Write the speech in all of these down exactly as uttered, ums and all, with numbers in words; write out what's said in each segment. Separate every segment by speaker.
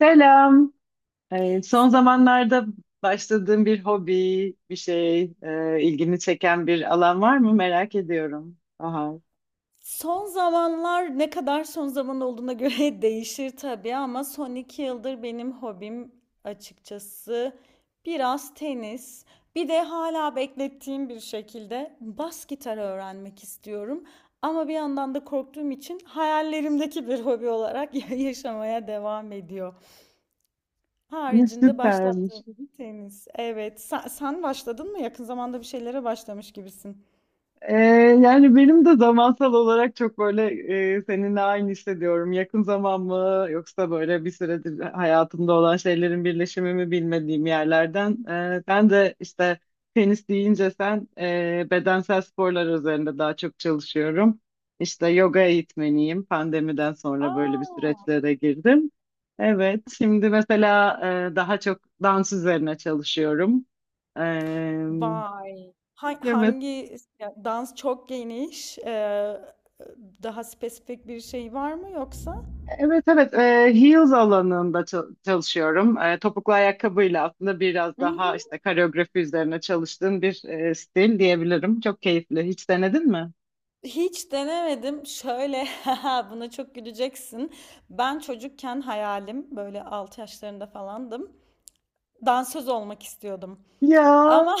Speaker 1: Selam. Ee, son
Speaker 2: İşte
Speaker 1: zamanlarda başladığın bir hobi, bir şey, e, ilgini çeken bir alan var mı? Merak ediyorum. Aha,
Speaker 2: Son zamanlar ne kadar son zaman olduğuna göre değişir tabii ama son iki yıldır benim hobim açıkçası biraz tenis. Bir de hala beklettiğim bir şekilde bas gitarı öğrenmek istiyorum. Ama bir yandan da korktuğum için hayallerimdeki bir hobi olarak ya- yaşamaya devam ediyor.
Speaker 1: ne
Speaker 2: Haricinde
Speaker 1: süpermiş.
Speaker 2: başlattığım bir tenis. Evet, sen, sen başladın mı? Yakın zamanda bir şeylere başlamış gibisin.
Speaker 1: Ee, Yani benim de zamansal olarak çok böyle e, seninle aynı hissediyorum. Yakın zaman mı yoksa böyle bir süredir hayatımda olan şeylerin birleşimi mi bilmediğim yerlerden. Ee, ben de işte tenis deyince sen e, bedensel sporlar üzerinde daha çok çalışıyorum. İşte yoga eğitmeniyim. Pandemiden sonra böyle bir
Speaker 2: Aa.
Speaker 1: süreçlere girdim. Evet, şimdi mesela e, daha çok dans üzerine çalışıyorum. Ee,
Speaker 2: Vay! Ha-
Speaker 1: Evet
Speaker 2: hangi ya, dans çok geniş? Eee, daha spesifik bir şey var mı yoksa?
Speaker 1: Evet evet, e, heels alanında çal- çalışıyorum. E, topuklu ayakkabıyla aslında biraz daha
Speaker 2: Hmm,
Speaker 1: işte koreografi üzerine çalıştığım bir e, stil diyebilirim. Çok keyifli. Hiç denedin mi?
Speaker 2: hiç denemedim. Şöyle haha, buna çok güleceksin. Ben çocukken hayalim böyle altı yaşlarında falandım. Dansöz olmak istiyordum.
Speaker 1: Ya,
Speaker 2: Ama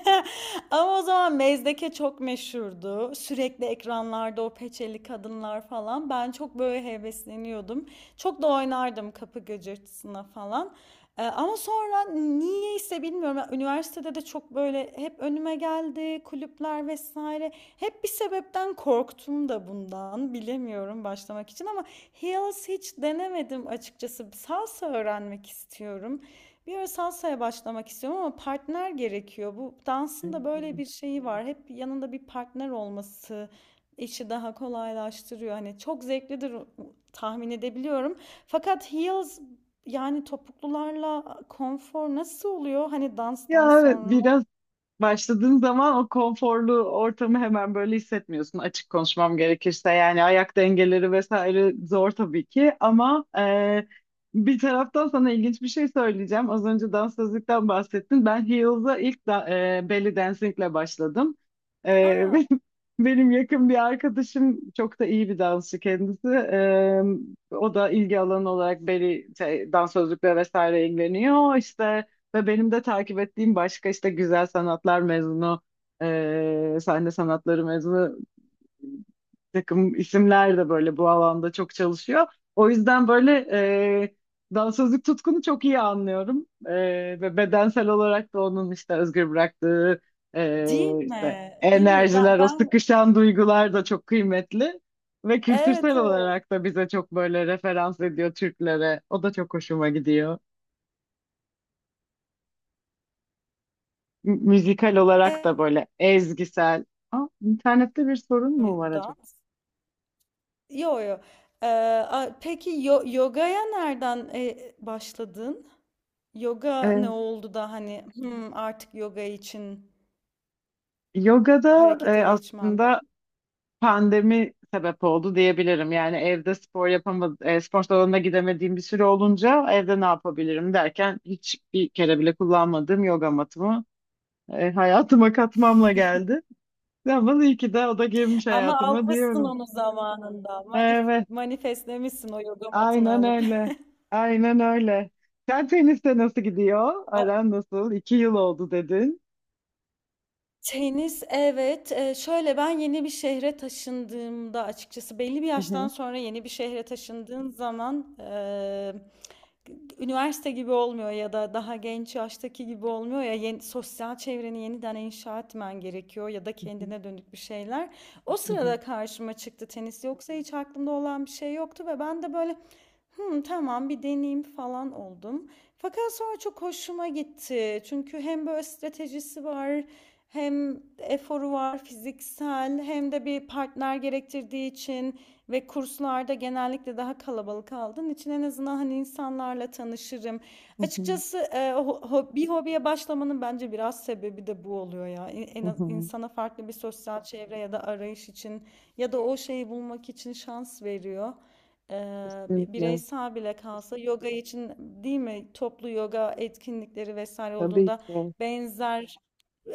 Speaker 2: ama o zaman Mezdeke çok meşhurdu. Sürekli ekranlarda o peçeli kadınlar falan. Ben çok böyle hevesleniyordum. Çok da oynardım kapı gıcırtısına falan. Ee, ama sonra niyeyse bilmiyorum. Yani üniversitede de çok böyle hep önüme geldi kulüpler vesaire. Hep bir sebepten korktum da bundan. Bilemiyorum başlamak için ama heels hiç denemedim açıkçası. Salsa öğrenmek istiyorum. Bir ara salsaya başlamak istiyorum ama partner gerekiyor. Bu dansın da böyle
Speaker 1: evet.
Speaker 2: bir şeyi var. Hep yanında bir partner olması işi daha kolaylaştırıyor. Hani çok zevklidir, tahmin edebiliyorum. Fakat heels, yani topuklularla konfor nasıl oluyor? Hani danstan
Speaker 1: Ya, evet,
Speaker 2: sonra.
Speaker 1: biraz, başladığın zaman o konforlu ortamı hemen böyle hissetmiyorsun açık konuşmam gerekirse. Yani ayak dengeleri vesaire zor tabii ki ama e, bir taraftan sana ilginç bir şey söyleyeceğim. Az önce sözlükten bahsettin. Ben Heels'a ilk da, e, belly dancingle başladım. E,
Speaker 2: Aa,
Speaker 1: benim yakın bir arkadaşım çok da iyi bir dansçı kendisi. E, o da ilgi alanı olarak belly şey, dans sözlükle vesaire ilgileniyor. İşte ve benim de takip ettiğim başka işte güzel sanatlar mezunu, e, sahne sanatları mezunu bir takım isimler de böyle bu alanda çok çalışıyor. O yüzden böyle e, dansözlük tutkunu çok iyi anlıyorum. E, ve bedensel olarak da onun işte özgür bıraktığı e,
Speaker 2: değil
Speaker 1: işte
Speaker 2: mi? Değil mi? Ben
Speaker 1: enerjiler, o
Speaker 2: ben
Speaker 1: sıkışan duygular da çok kıymetli. Ve
Speaker 2: evet,
Speaker 1: kültürsel
Speaker 2: evet.
Speaker 1: olarak da bize çok böyle referans ediyor Türklere. O da çok hoşuma gidiyor. Mü- müzikal olarak da böyle ezgisel. Aa, internette bir sorun mu
Speaker 2: Evet,
Speaker 1: var acaba?
Speaker 2: dans. Yo yo. Ee, a- peki, yo- yogaya nereden e, başladın? Yoga ne
Speaker 1: Ee,
Speaker 2: oldu da hani, "Hmm, artık yoga için
Speaker 1: Yogada
Speaker 2: harekete
Speaker 1: e,
Speaker 2: geçmem"
Speaker 1: aslında
Speaker 2: dedi.
Speaker 1: pandemi sebep oldu diyebilirim. Yani evde spor yapamadım, spor salonuna gidemediğim bir süre olunca evde ne yapabilirim derken hiçbir kere bile kullanmadığım yoga matımı e, hayatıma katmamla geldi. Ama iyi ki de o da girmiş
Speaker 2: Ama
Speaker 1: hayatıma
Speaker 2: almışsın
Speaker 1: diyorum.
Speaker 2: onu zamanında. Manif
Speaker 1: Evet.
Speaker 2: manifestlemişsin o yoga matını
Speaker 1: Aynen
Speaker 2: alıp.
Speaker 1: öyle. Aynen öyle. Sen teniste nasıl gidiyor? Aran nasıl? İki yıl oldu dedin.
Speaker 2: Tenis, evet. Eee, şöyle, ben yeni bir şehre taşındığımda açıkçası belli bir
Speaker 1: Hı
Speaker 2: yaştan
Speaker 1: hı.
Speaker 2: sonra yeni bir şehre taşındığın zaman eee, üniversite gibi olmuyor ya da daha genç yaştaki gibi olmuyor ya, yeni sosyal çevreni yeniden inşa etmen gerekiyor ya da
Speaker 1: Hı
Speaker 2: kendine dönük bir şeyler. O
Speaker 1: hı.
Speaker 2: sırada karşıma çıktı tenis. Yoksa hiç aklımda olan bir şey yoktu ve ben de böyle hı, tamam bir deneyim falan oldum. Fakat sonra çok hoşuma gitti. Çünkü hem böyle stratejisi var, hem eforu var fiziksel, hem de bir partner gerektirdiği için ve kurslarda genellikle daha kalabalık aldığın için en azından hani insanlarla tanışırım.
Speaker 1: Hı hı.
Speaker 2: Açıkçası e, bir hobiye başlamanın bence biraz sebebi de bu oluyor ya. En, en
Speaker 1: Hı
Speaker 2: az
Speaker 1: hı.
Speaker 2: insana farklı bir sosyal çevre ya da arayış için ya da o şeyi bulmak için şans veriyor. Eee, bi-
Speaker 1: Kesinlikle.
Speaker 2: Bireysel bile kalsa yoga için değil mi, toplu yoga etkinlikleri vesaire
Speaker 1: Tabii
Speaker 2: olduğunda
Speaker 1: ki.
Speaker 2: benzer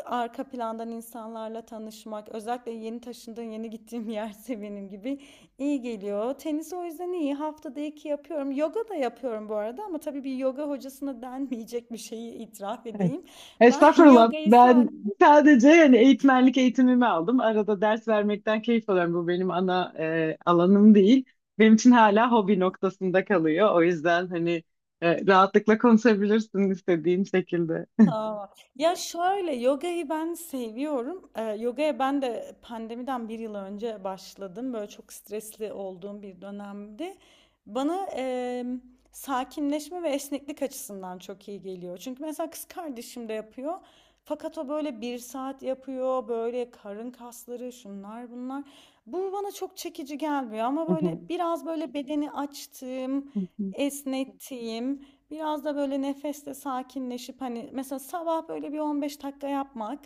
Speaker 2: arka plandan insanlarla tanışmak, özellikle yeni taşındığım, yeni gittiğim yerse benim gibi iyi geliyor. Tenis o yüzden iyi, haftada iki yapıyorum, yoga da yapıyorum bu arada ama tabii bir yoga hocasına denmeyecek bir şeyi itiraf
Speaker 1: Evet.
Speaker 2: edeyim. Ben
Speaker 1: Estağfurullah.
Speaker 2: yogayı
Speaker 1: Ben
Speaker 2: sadece
Speaker 1: sadece yani eğitmenlik eğitimimi aldım. Arada ders vermekten keyif alıyorum. Bu benim ana e, alanım değil. Benim için hala hobi noktasında kalıyor. O yüzden hani e, rahatlıkla konuşabilirsin istediğin şekilde.
Speaker 2: tamam. Ya şöyle, yogayı ben seviyorum. Ee, yogaya ben de pandemiden bir yıl önce başladım. Böyle çok stresli olduğum bir dönemdi. Bana em, sakinleşme ve esneklik açısından çok iyi geliyor. Çünkü mesela kız kardeşim de yapıyor. Fakat o böyle bir saat yapıyor. Böyle karın kasları, şunlar bunlar. Bu bana çok çekici gelmiyor ama
Speaker 1: Hı
Speaker 2: böyle
Speaker 1: hı.
Speaker 2: biraz böyle bedeni açtığım,
Speaker 1: Hı hı.
Speaker 2: esnettiğim. Biraz da böyle nefesle sakinleşip hani mesela sabah böyle bir on beş dakika yapmak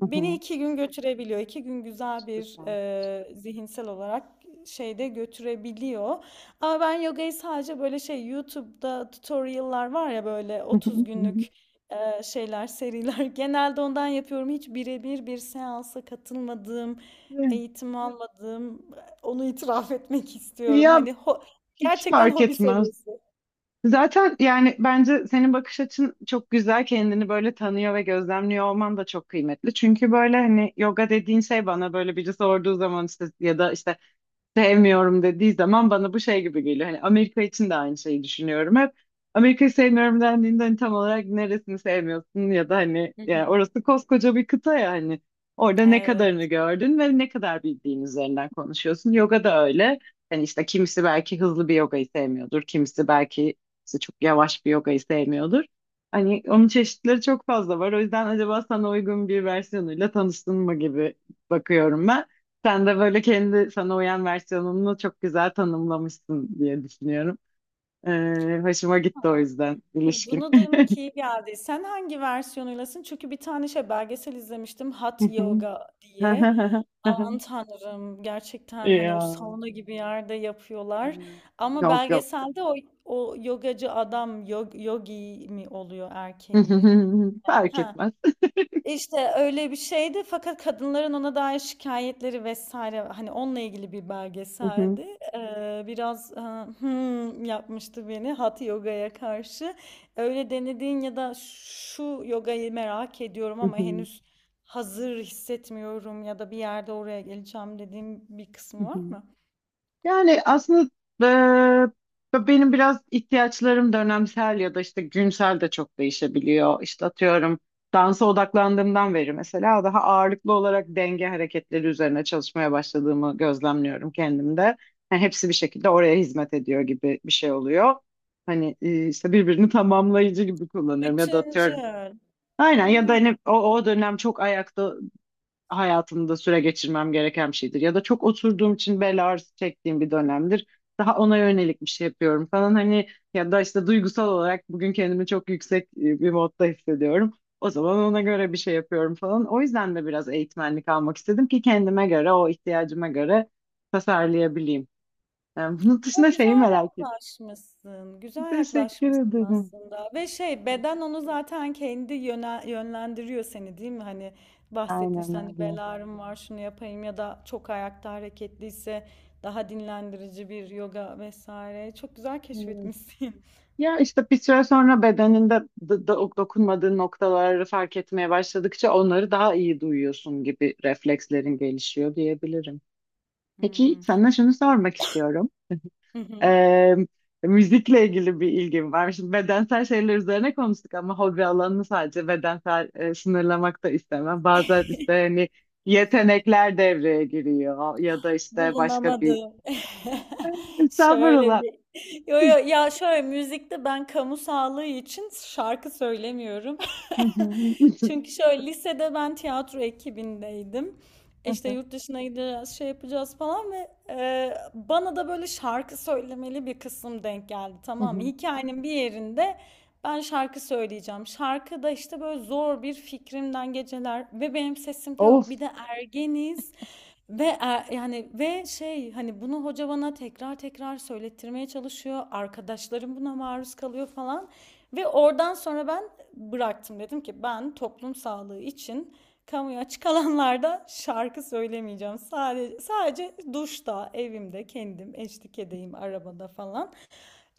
Speaker 1: Hı hı.
Speaker 2: iki gün götürebiliyor. İki gün güzel bir
Speaker 1: Süper.
Speaker 2: e, zihinsel olarak şeyde götürebiliyor. Ama ben yogayı sadece böyle şey, YouTube'da tutorial'lar var ya böyle otuz günlük e, şeyler, seriler, genelde ondan yapıyorum. Hiç birebir bir seansa katılmadığım, eğitim almadığım, onu itiraf etmek istiyorum.
Speaker 1: Ya,
Speaker 2: Hani ho-
Speaker 1: hiç
Speaker 2: gerçekten
Speaker 1: fark
Speaker 2: hobi
Speaker 1: etmez.
Speaker 2: seviyesi.
Speaker 1: Zaten yani bence senin bakış açın çok güzel. Kendini böyle tanıyor ve gözlemliyor olman da çok kıymetli. Çünkü böyle hani yoga dediğin şey bana böyle biri sorduğu zaman işte ya da işte sevmiyorum dediği zaman bana bu şey gibi geliyor. Hani Amerika için de aynı şeyi düşünüyorum hep. Amerika'yı sevmiyorum dendiğinde hani tam olarak neresini sevmiyorsun ya da hani
Speaker 2: Hı hı.
Speaker 1: yani orası koskoca bir kıta ya hani orada ne kadarını
Speaker 2: Evet.
Speaker 1: gördün ve ne kadar bildiğin üzerinden konuşuyorsun. Yoga da öyle. Hani işte kimisi belki hızlı bir yogayı sevmiyordur, kimisi belki işte çok yavaş bir yogayı sevmiyordur. Hani onun çeşitleri çok fazla var. O yüzden acaba sana uygun bir versiyonuyla tanıştın mı gibi bakıyorum ben. Sen de böyle kendi sana uyan versiyonunu çok güzel tanımlamışsın diye düşünüyorum. Ee, hoşuma gitti o yüzden
Speaker 2: Bu-
Speaker 1: ilişkin.
Speaker 2: Bunu duymak iyi geldi. Sen hangi versiyonuylasın? Çünkü bir tane şey belgesel izlemiştim, Hot Yoga diye. Aman tanrım, gerçekten hani o
Speaker 1: Ya.
Speaker 2: sauna gibi yerde yapıyorlar. Ama
Speaker 1: Yok, yok.
Speaker 2: belgeselde o, o yogacı adam yog, yogi mi oluyor erkeği?
Speaker 1: Fark
Speaker 2: Ha,
Speaker 1: etmez.
Speaker 2: işte öyle bir şeydi fakat kadınların ona dair şikayetleri vesaire, hani onunla ilgili bir belgeseldi. Eee, biraz, aaa, hımm, yapmıştı beni Hatha Yoga'ya karşı. Öyle denediğin ya da şu yogayı merak ediyorum ama henüz hazır hissetmiyorum ya da bir yerde oraya geleceğim dediğin bir kısmı var mı?
Speaker 1: Yani aslında eee, benim biraz ihtiyaçlarım dönemsel ya da işte günsel de çok değişebiliyor. İşte atıyorum dansa odaklandığımdan beri mesela daha ağırlıklı olarak denge hareketleri üzerine çalışmaya başladığımı gözlemliyorum kendimde. Yani hepsi bir şekilde oraya hizmet ediyor gibi bir şey oluyor. Hani e, işte birbirini tamamlayıcı gibi kullanıyorum ya da atıyorum.
Speaker 2: Bütüncül.
Speaker 1: Aynen ya da
Speaker 2: A!
Speaker 1: hani o, o dönem çok ayakta hayatımda süre geçirmem gereken bir şeydir. Ya da çok oturduğum için bel ağrısı çektiğim bir dönemdir. Daha ona yönelik bir şey yapıyorum falan hani ya da işte duygusal olarak bugün kendimi çok yüksek e, bir modda hissediyorum. O zaman ona göre bir şey yapıyorum falan. O yüzden de biraz eğitmenlik almak istedim ki kendime göre, o ihtiyacıma göre tasarlayabileyim. Yani bunun
Speaker 2: Ya
Speaker 1: dışında şeyi
Speaker 2: güzel
Speaker 1: merak ettim.
Speaker 2: yaklaşmışsın. Güzel
Speaker 1: Teşekkür
Speaker 2: yaklaşmışsın
Speaker 1: ederim.
Speaker 2: aslında. Ve şey, beden
Speaker 1: Teşekkür-
Speaker 2: onu zaten kendi yöne, yönlendiriyor seni, değil mi? Hani bahsettin
Speaker 1: Aynen
Speaker 2: işte, hani
Speaker 1: öyle.
Speaker 2: bel ağrım var, şunu yapayım ya da çok ayakta hareketliyse daha dinlendirici bir yoga vesaire. Çok güzel
Speaker 1: Evet.
Speaker 2: keşfetmişsin.
Speaker 1: Ya işte bir süre sonra bedeninde d- d- dokunmadığın noktaları fark etmeye başladıkça onları daha iyi duyuyorsun gibi reflekslerin gelişiyor diyebilirim. Peki
Speaker 2: Hmm.
Speaker 1: sana şunu sormak istiyorum. Ee, Müzikle ilgili bir ilgim var. Şimdi bedensel şeyler üzerine konuştuk ama hobi alanını sadece bedensel e, sınırlamak da istemem. Bazen işte hani yetenekler devreye giriyor ya da işte başka bir
Speaker 2: Bulunamadı. Şöyle
Speaker 1: estağfurullah.
Speaker 2: bir yo yo, ya şöyle müzikte ben kamu sağlığı için şarkı söylemiyorum.
Speaker 1: Hı hı.
Speaker 2: Çünkü şöyle, lisede ben tiyatro ekibindeydim. İşte yurt dışına gideceğiz, şey yapacağız falan ve e, bana da böyle şarkı söylemeli bir kısım denk geldi, tamam mı? Hikayenin bir yerinde ben şarkı söyleyeceğim. Şarkı da işte böyle zor bir fikrimden geceler ve benim sesim de yok.
Speaker 1: Of.
Speaker 2: Bir de ergeniz. Ve e, yani ve şey, hani bunu hoca bana tekrar tekrar söylettirmeye çalışıyor, arkadaşlarım buna maruz kalıyor falan. Ve oradan sonra ben bıraktım. Dedim ki ben toplum sağlığı için kamuya açık alanlarda şarkı söylemeyeceğim. Sadece sadece duşta, evimde, kendim, eşlik edeyim arabada falan.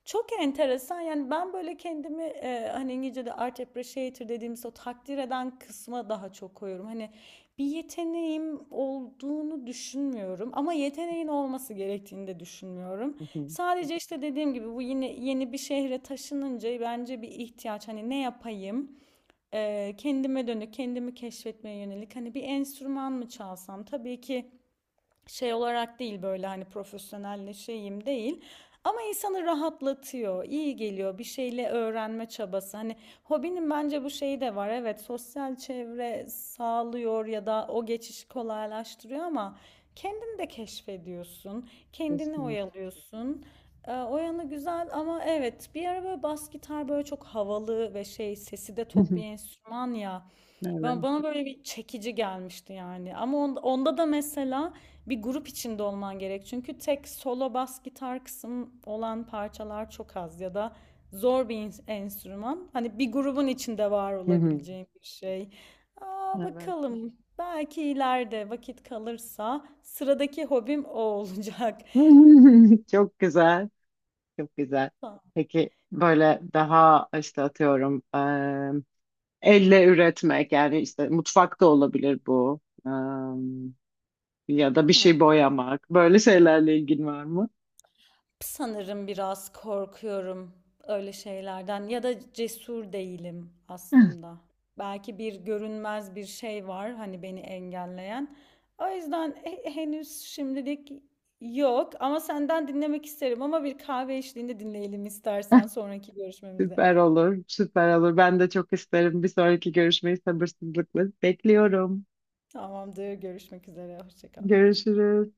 Speaker 2: Çok enteresan, yani ben böyle kendimi e, hani İngilizce'de art appreciator dediğimiz o takdir eden kısma daha çok koyuyorum. Hani bir yeteneğim olduğunu düşünmüyorum ama yeteneğin olması gerektiğini de düşünmüyorum.
Speaker 1: Hı hı.
Speaker 2: Sadece işte dediğim gibi bu yine, yeni bir şehre taşınınca bence bir ihtiyaç, hani ne yapayım? E, kendime dönük, kendimi keşfetmeye yönelik, hani bir enstrüman mı çalsam, tabii ki şey olarak değil, böyle hani profesyonelleşeyim değil. Ama insanı rahatlatıyor, iyi geliyor bir şeyle öğrenme çabası. Hani hobinin bence bu şeyi de var. Evet, sosyal çevre sağlıyor ya da o geçişi kolaylaştırıyor ama kendini de keşfediyorsun, kendini
Speaker 1: Kesinlikle.
Speaker 2: oyalıyorsun. Ee, O yanı güzel ama evet, bir ara böyle bas gitar böyle çok havalı ve şey, sesi de
Speaker 1: Hı
Speaker 2: tok
Speaker 1: hı.
Speaker 2: bir enstrüman ya. Ben,
Speaker 1: Evet.
Speaker 2: bana böyle bir çekici gelmişti yani. Ama on- onda da mesela bir grup içinde olman gerek. Çünkü tek solo bas gitar kısım olan parçalar çok az ya da zor bir enstrüman. Hani bir grubun içinde var
Speaker 1: Hı hı.
Speaker 2: olabileceğin bir şey. Aa,
Speaker 1: Evet.
Speaker 2: bakalım. Belki ileride vakit kalırsa sıradaki hobim o olacak.
Speaker 1: Çok güzel. Çok güzel. Peki böyle daha işte atıyorum eee, elle üretmek yani işte mutfak da olabilir bu. Eee, Ya da bir şey
Speaker 2: Hı.
Speaker 1: boyamak. Böyle şeylerle ilgin var mı?
Speaker 2: Sanırım biraz korkuyorum öyle şeylerden ya da cesur değilim aslında. Belki bir görünmez bir şey var hani beni engelleyen. O yüzden he- henüz şimdilik yok ama senden dinlemek isterim ama bir kahve eşliğinde dinleyelim istersen sonraki görüşmemizde.
Speaker 1: Süper olur. Süper olur. Ben de çok isterim. Bir sonraki görüşmeyi sabırsızlıkla bekliyorum.
Speaker 2: Tamamdır, görüşmek üzere, hoşça kal.
Speaker 1: Görüşürüz.